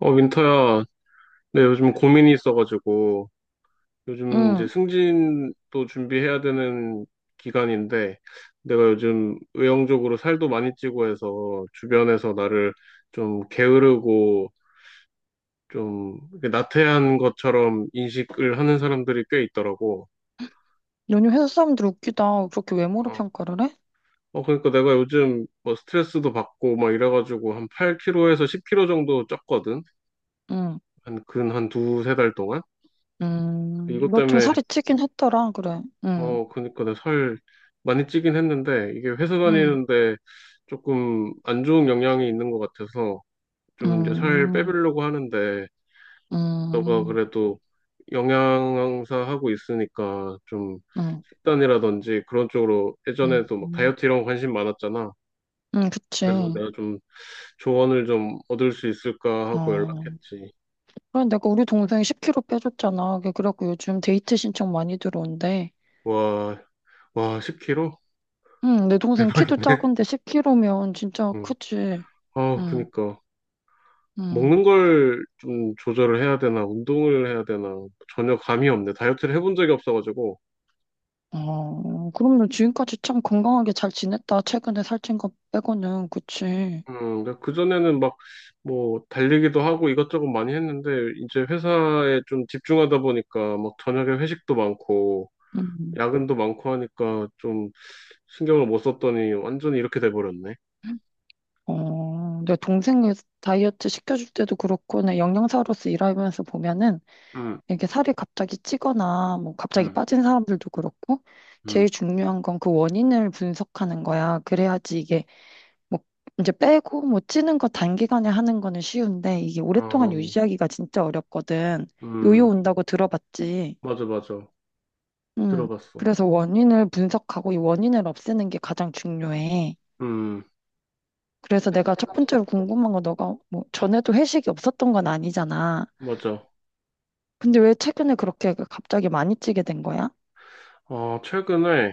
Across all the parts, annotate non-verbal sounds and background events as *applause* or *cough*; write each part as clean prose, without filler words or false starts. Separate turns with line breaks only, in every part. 어, 윈터야, 네, 요즘 고민이 있어가지고, 요즘 이제
응.
승진도 준비해야 되는 기간인데, 내가 요즘 외형적으로 살도 많이 찌고 해서, 주변에서 나를 좀 게으르고, 좀 이렇게 나태한 것처럼 인식을 하는 사람들이 꽤 있더라고.
너네 회사 사람들 웃기다. 그렇게 외모로
어,
평가를 해?
그러니까 내가 요즘 뭐 스트레스도 받고 막 이래가지고, 한 8kg에서 10kg 정도 쪘거든?
응.
한, 근 한 2, 3달 동안? 이것
너 좀
때문에
살이 찌긴 했더라. 그래. 응.
그니까 내가 살 많이 찌긴 했는데, 이게 회사
응.
다니는데 조금 안 좋은 영향이 있는 것 같아서, 좀 이제 살
음,
빼보려고 하는데, 너가
응
그래도 영양사 하고 있으니까, 좀
응
식단이라든지 그런 쪽으로 예전에도 막 다이어트
응
이런 거 관심 많았잖아.
응
그래서
그치.
내가 좀 조언을 좀 얻을 수 있을까 하고
어.
연락했지.
그래, 내가 우리 동생이 10kg 빼줬잖아. 그래 그래갖고 요즘 데이트 신청 많이 들어온대.
와, 와, 10kg?
응, 내
*laughs*
동생 키도
대박이네.
작은데 10kg면 진짜
응.
크지.
아,
응,
그니까.
응.
먹는 걸 좀 조절을 해야 되나, 운동을 해야 되나, 전혀 감이 없네. 다이어트를 해본 적이 없어가지고.
어, 그럼 너 지금까지 참 건강하게 잘 지냈다. 최근에 살찐 거 빼고는. 그치.
근데 그전에는 막, 뭐, 달리기도 하고 이것저것 많이 했는데, 이제 회사에 좀 집중하다 보니까, 막, 저녁에 회식도 많고,
응.
야근도 많고 하니까, 좀, 신경을 못 썼더니, 완전히 이렇게 돼버렸네.
어, 내 동생이 다이어트 시켜줄 때도 그렇고, 내 영양사로서 일하면서 보면은,
응,
이게 살이 갑자기 찌거나, 뭐, 갑자기
응,
빠진 사람들도 그렇고,
응.
제일 중요한 건 그 원인을 분석하는 거야. 그래야지 이게, 뭐, 이제 빼고, 뭐, 찌는 거 단기간에 하는 거는 쉬운데, 이게
어,
오랫동안 유지하기가 진짜 어렵거든. 요요
음,
온다고 들어봤지.
맞아, 맞아.
음,
들어봤어.
그래서 원인을 분석하고, 이 원인을 없애는 게 가장 중요해.
음,
그래서 내가 첫 번째로 궁금한 건 너가 뭐 전에도 회식이 없었던 건 아니잖아.
맞아.
근데 왜 최근에 그렇게 그 갑자기 많이 찌게 된 거야?
최근에,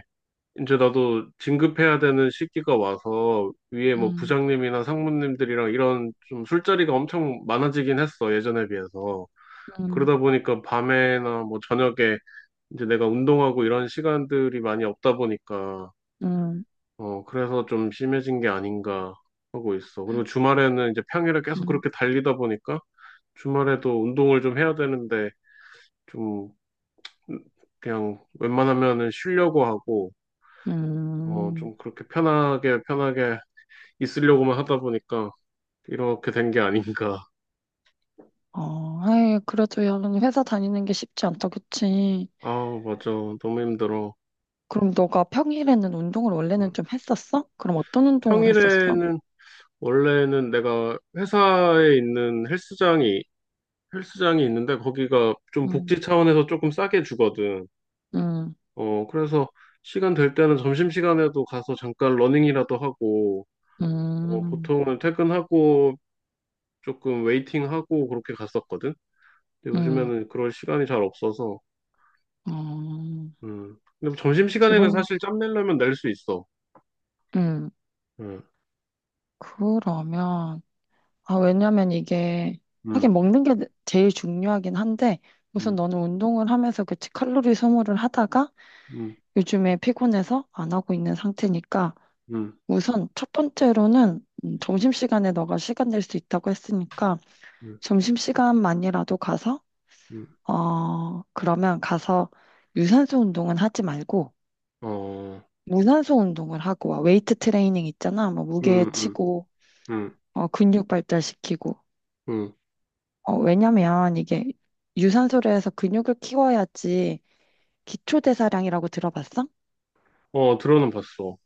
이제 나도 진급해야 되는 시기가 와서 위에 뭐
음,
부장님이나 상무님들이랑 이런 좀 술자리가 엄청 많아지긴 했어, 예전에 비해서.
음,
그러다 보니까 밤에나 뭐 저녁에 이제 내가 운동하고 이런 시간들이 많이 없다 보니까,
음,
그래서 좀 심해진 게 아닌가 하고 있어. 그리고 주말에는 이제 평일에 계속
음.
그렇게 달리다 보니까 주말에도 운동을 좀 해야 되는데 좀 그냥 웬만하면은 쉬려고 하고,
음,
좀 그렇게 편하게 편하게 있으려고만 하다 보니까 이렇게 된 게 아닌가.
어, 아이, 그래도 야, 너는 회사 다니는 게 쉽지 않다, 그치?
아, 맞아. 너무 힘들어.
그럼 너가 평일에는 운동을
음.
원래는 좀 했었어? 그럼 어떤 운동을 했었어?
평일에는 원래는 내가 회사에 있는 헬스장이 있는데 거기가 좀
음.
복지 차원에서 조금 싸게 주거든.
음,
그래서 시간 될 때는 점심시간에도 가서 잠깐 러닝이라도 하고
음,
보통은 퇴근하고 조금 웨이팅하고 그렇게 갔었거든. 근데
음,
요즘에는 그럴 시간이 잘 없어서
어,
근데 뭐 점심시간에는
기본,
사실 짬 내려면 낼 수 있어.
음,
음.
그러면, 아, 왜냐면 이게,
음,
하긴 먹는 게 제일 중요하긴 한데, 우선
음,
너는 운동을 하면서 그치, 칼로리 소모를 하다가
음,
요즘에 피곤해서 안 하고 있는 상태니까,
음,
우선 첫 번째로는 점심시간에 너가 시간 낼 수 있다고 했으니까,
음,
점심시간만이라도 가서,
음.
어, 그러면 가서 유산소 운동은 하지 말고,
어,
무산소 운동을 하고 와. 웨이트 트레이닝 있잖아. 뭐 무게
음, 음,
치고,
음,
어, 근육 발달시키고.
음.
어, 왜냐면 이게 유산소를 해서 근육을 키워야지 기초대사량이라고 들어봤어?
어, 들어는 봤어.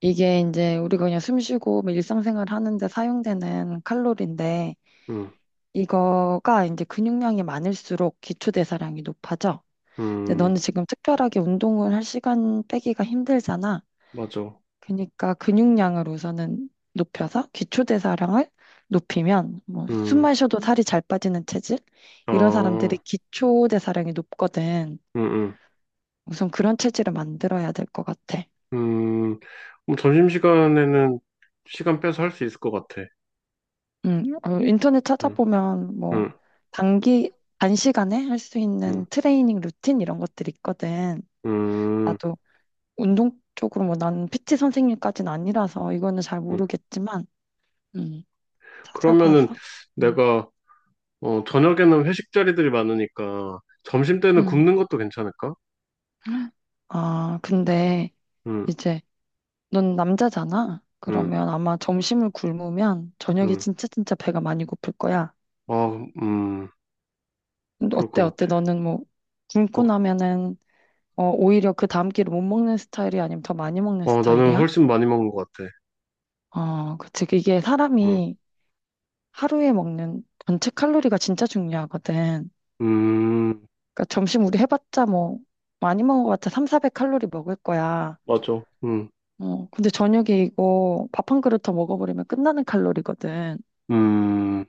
이게 이제 우리가 그냥 숨 쉬고 뭐 일상생활 하는데 사용되는 칼로리인데
음,
이거가 이제 근육량이 많을수록 기초대사량이 높아져. 근데 너는
음,
지금 특별하게 운동을 할 시간 빼기가 힘들잖아.
맞아.
그러니까 근육량을 우선은 높여서 기초대사량을 높이면 뭐
음,
숨만 쉬어도 살이 잘 빠지는 체질 이런 사람들이
아,
기초대사량이 높거든.
음, 음,
우선 그런 체질을 만들어야 될 것 같아.
음. 그럼 점심시간에는 시간 빼서 할 수 있을 것 같아.
어, 인터넷
음,
찾아보면 뭐
음,
단기 단시간에 할 수
음,
있는 트레이닝 루틴 이런 것들이 있거든.
음,
나도 운동 쪽으로 뭐 나는 PT 선생님까지는 아니라서 이거는 잘
음.
모르겠지만 음,
그러면은
찾아봐서 음,
내가, 저녁에는 회식 자리들이 많으니까 점심 때는
음.
굶는 것도 괜찮을까?
아, 근데
음,
이제 넌 남자잖아.
음,
그러면 아마 점심을 굶으면 저녁에
음.
진짜 진짜 배가 많이 고플 거야.
아, 음,
근데
그럴 것
어때 어때?
같아.
너는 뭐
어,
굶고 나면은 어, 오히려 그 다음 끼를 못 먹는 스타일이 아니면 더 많이 먹는
어, 나는
스타일이야?
훨씬 많이 먹은 것 같아.
어, 그치. 이게
응.
사람이 하루에 먹는 전체 칼로리가 진짜 중요하거든.
음,
그러니까 점심 우리 해봤자 뭐 많이 먹은 것 같아. 3, 400칼로리 먹을 거야.
맞아.
어, 근데 저녁에 이거 밥 한 그릇 더 먹어버리면 끝나는 칼로리거든.
음,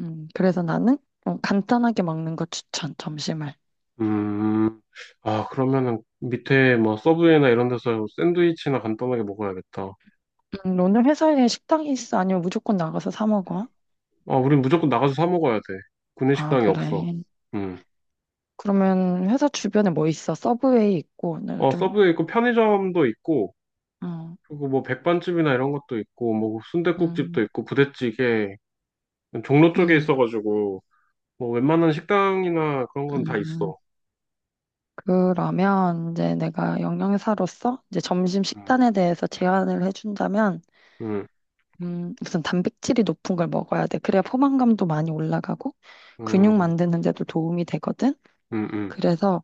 그래서 나는 어, 간단하게 먹는 거 추천, 점심을.
음. 아, 그러면은 밑에 뭐 서브웨이나 이런 데서 샌드위치나 간단하게 먹어야겠다.
오늘 회사에 식당이 있어? 아니면 무조건 나가서 사 먹어?
아, 우린 무조건 나가서 사 먹어야 돼.
아,
구내식당이
그래.
없어. 음.
그러면 회사 주변에 뭐 있어? 서브웨이 있고,
어,
나좀
서브웨이 있고 편의점도 있고,
음,
그리고 뭐 백반집이나 이런 것도 있고, 뭐
음,
순댓국집도 있고, 부대찌개. 종로 쪽에
음,
있어가지고, 뭐 웬만한 식당이나 그런 건 다
음.
있어.
그러면 이제 내가 영양사로서 이제 점심
음,
식단에 대해서 제안을 해준다면,
음,
우선 단백질이 높은 걸 먹어야 돼. 그래야 포만감도 많이 올라가고 근육
음,
만드는 데도 도움이 되거든.
음, 음.
그래서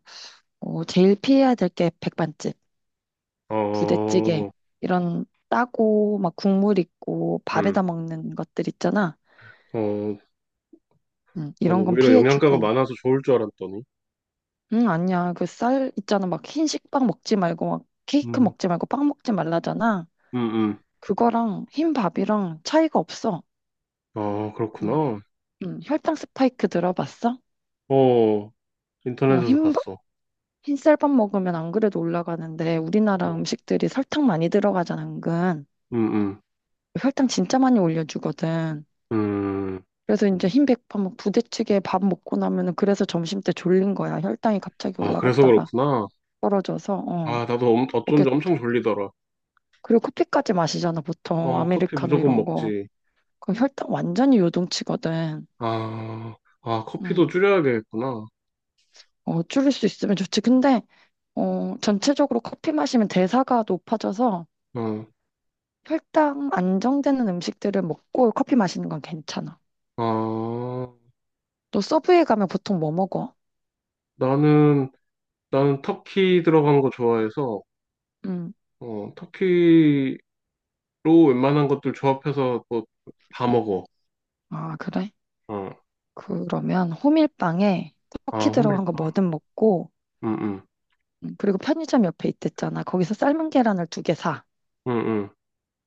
어, 제일 피해야 될 게 백반집, 부대찌개
어,
이런 따고 막 국물 있고 밥에다
음,
먹는 것들 있잖아.
어, 난
이런 건
오히려 영양가가
피해주고.
많아서 좋을 줄 알았더니.
응, 아니야. 그 쌀 있잖아. 막 흰식 빵 먹지 말고, 막 케이크
음,
먹지 말고 빵 먹지 말라잖아.
음, 음.
그거랑 흰 밥이랑 차이가 없어.
아,
그,
그렇구나.
응, 혈당 스파이크 들어봤어?
어,
어,
인터넷에서 봤어.
흰쌀밥 먹으면 안 그래도 올라가는데, 우리나라
어,
음식들이 설탕 많이 들어가잖아, 은근.
음, 음,
혈당 진짜 많이 올려주거든.
음.
그래서 이제 흰백밥, 막 부대찌개 밥 먹고 나면은 그래서 점심 때 졸린 거야. 혈당이 갑자기
아, 그래서
올라갔다가
그렇구나.
떨어져서, 어.
아, 나도
오게
어쩐지 엄청 졸리더라.
그리고 커피까지 마시잖아, 보통.
어, 커피
아메리카노
무조건
이런 거.
먹지.
그 혈당 완전히 요동치거든.
아, 아, 커피도
음.
줄여야겠구나.
어, 줄일 수 있으면 좋지. 근데 어, 전체적으로 커피 마시면 대사가 높아져서
어,
혈당 안정되는 음식들을 먹고 커피 마시는 건 괜찮아.
아,
너 서브웨이 가면 보통 뭐 먹어?
나는, 나는 터키 들어간 거 좋아해서,
음.
터키로 웬만한 것들 조합해서 또 다 먹어.
아, 그래?
어,
그러면 호밀빵에 터키
아,
들어간 거 뭐든 먹고
응, 응,
그리고 편의점 옆에 있댔잖아. 거기서 삶은 계란을 두 개 사.
응, 응,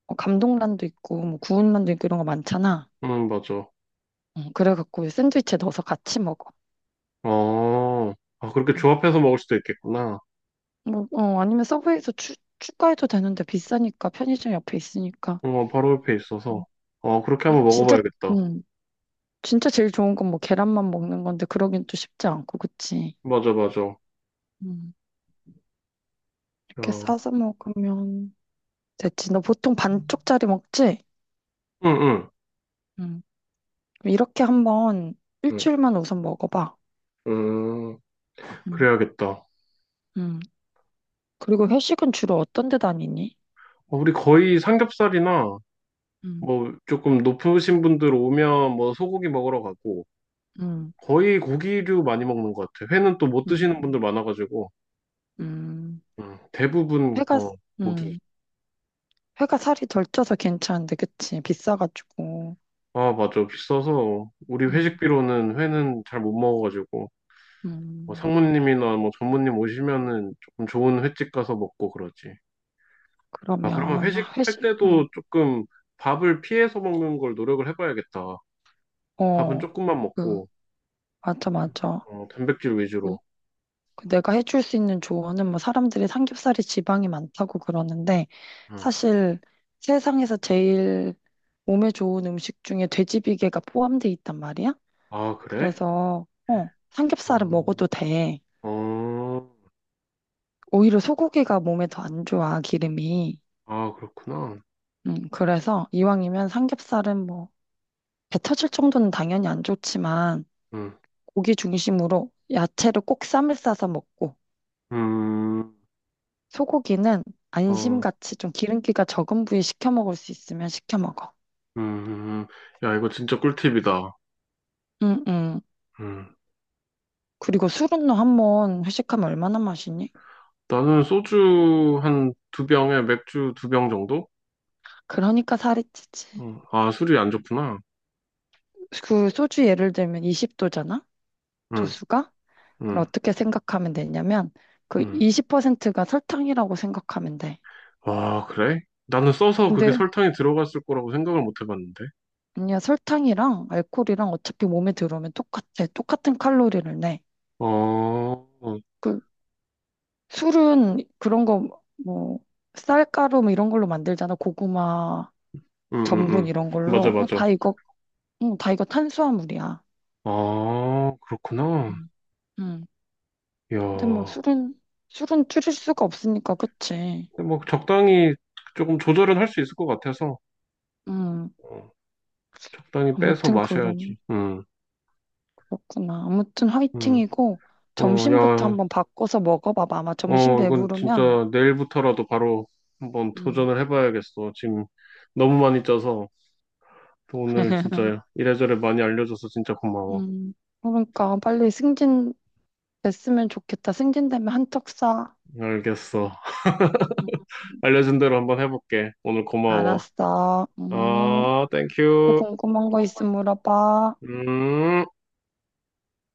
어, 감동란도 있고 뭐 구운란도 있고 이런 거 많잖아.
응, 맞아.
그래갖고 샌드위치에 넣어서 같이 먹어.
어, 아, 그렇게
응.
조합해서 먹을 수도 있겠구나.
뭐, 어, 아니면 서브웨이에서 추가해도 되는데 비싸니까 편의점 옆에 있으니까.
어, 바로 옆에 있어서.
음.
어, 그렇게 한번
진짜,
먹어봐야겠다.
음, 진짜 제일 좋은 건 뭐 계란만 먹는 건데 그러긴 또 쉽지 않고, 그치?
맞아, 맞아. 어,
음, 이렇게
응,
싸서 먹으면 됐지. 너 보통 반쪽짜리 먹지?
응,
음, 그럼 이렇게 한번
응,
일주일만 우선 먹어봐.
응,
음,
그래야겠다. 어,
음. 그리고 회식은 주로 어떤 데 다니니?
우리 거의 삼겹살이나
음,
뭐 조금 높으신 분들 오면 뭐 소고기 먹으러 가고
음,
거의 고기류 많이 먹는 것 같아. 회는 또 못
음,
드시는 분들 많아가지고
음.
응, 대부분
회가,
어, 고기.
음, 회가 살이 덜 쪄서 괜찮은데, 그치? 비싸가지고.
아, 맞아. 비싸서 우리
음.
회식비로는 회는 잘 못 먹어가지고. 뭐
음,
상무님이나 뭐 전무님 오시면은 조금 좋은 횟집 가서 먹고 그러지. 아, 그러면
그러면
회식할
회식,
때도 조금 밥을 피해서 먹는 걸 노력을 해봐야겠다. 밥은
어,
조금만
그,
먹고,
맞아, 맞아.
단백질
그,
위주로.
내가 해줄 수 있는 조언은 뭐 사람들이 삼겹살에 지방이 많다고 그러는데
응.
사실 세상에서 제일 몸에 좋은 음식 중에 돼지비계가 포함돼 있단 말이야.
아, 그래?
그래서, 어, 삼겹살은
음,
먹어도 돼.
어,
오히려 소고기가 몸에 더 안 좋아, 기름이.
아, 그렇구나.
그래서 이왕이면 삼겹살은 뭐 배 터질 정도는 당연히 안 좋지만
응.
고기 중심으로 야채를 꼭 쌈을 싸서 먹고
음,
소고기는
어,
안심같이 좀 기름기가 적은 부위 시켜 먹을 수 있으면 시켜 먹어.
음, 음. 야, 이거 진짜 꿀팁이다.
응, 응.
음.
그리고 술은 너 한번 회식하면 얼마나 마시니?
나는 소주 한 두 병에 맥주 2병 정도?
그러니까 살이 찌지.
응. 아, 술이 안 좋구나.
그 소주 예를 들면 20도잖아?
응,
도수가? 그럼
응,
어떻게 생각하면 되냐면 그
응.
20%가 설탕이라고 생각하면 돼.
아, 그래? 나는 써서 그게
근데
설탕이 들어갔을 거라고 생각을 못 해봤는데.
아니야 설탕이랑 알코올이랑 어차피 몸에 들어오면 똑같아. 똑같은 칼로리를 내.
어, 응,
그 술은 그런 거, 뭐, 쌀가루 뭐 이런 걸로 만들잖아. 고구마,
응,
전분
응.
이런
맞아,
걸로. 어,
맞아.
다 이거, 응, 다 이거 탄수화물이야.
아, 그렇구나.
음. 응. 근데 뭐
이야.
술은 줄일 수가 없으니까, 그치?
근데 뭐 적당히 조금 조절은 할 수 있을 것 같아서
응.
어, 적당히 빼서
아무튼
마셔야지.
그럼,
응,
그렇구나. 아무튼
응.
화이팅이고,
어,
점심부터
야,
한번 바꿔서 먹어봐봐. 아마 점심
이건
배부르면,
진짜 내일부터라도 바로 한번
응.
도전을 해봐야겠어. 지금 너무 많이 짜서 오늘
*laughs*
진짜 이래저래 많이 알려줘서 진짜 고마워.
음, 그러니까 빨리 승진 됐으면 좋겠다. 승진되면 한턱 쏴.
알겠어.
음.
알려준 대로 한번 해볼게. 오늘 고마워.
알았어.
어,
또
땡큐.
궁금한 거 있으면 물어봐.
음.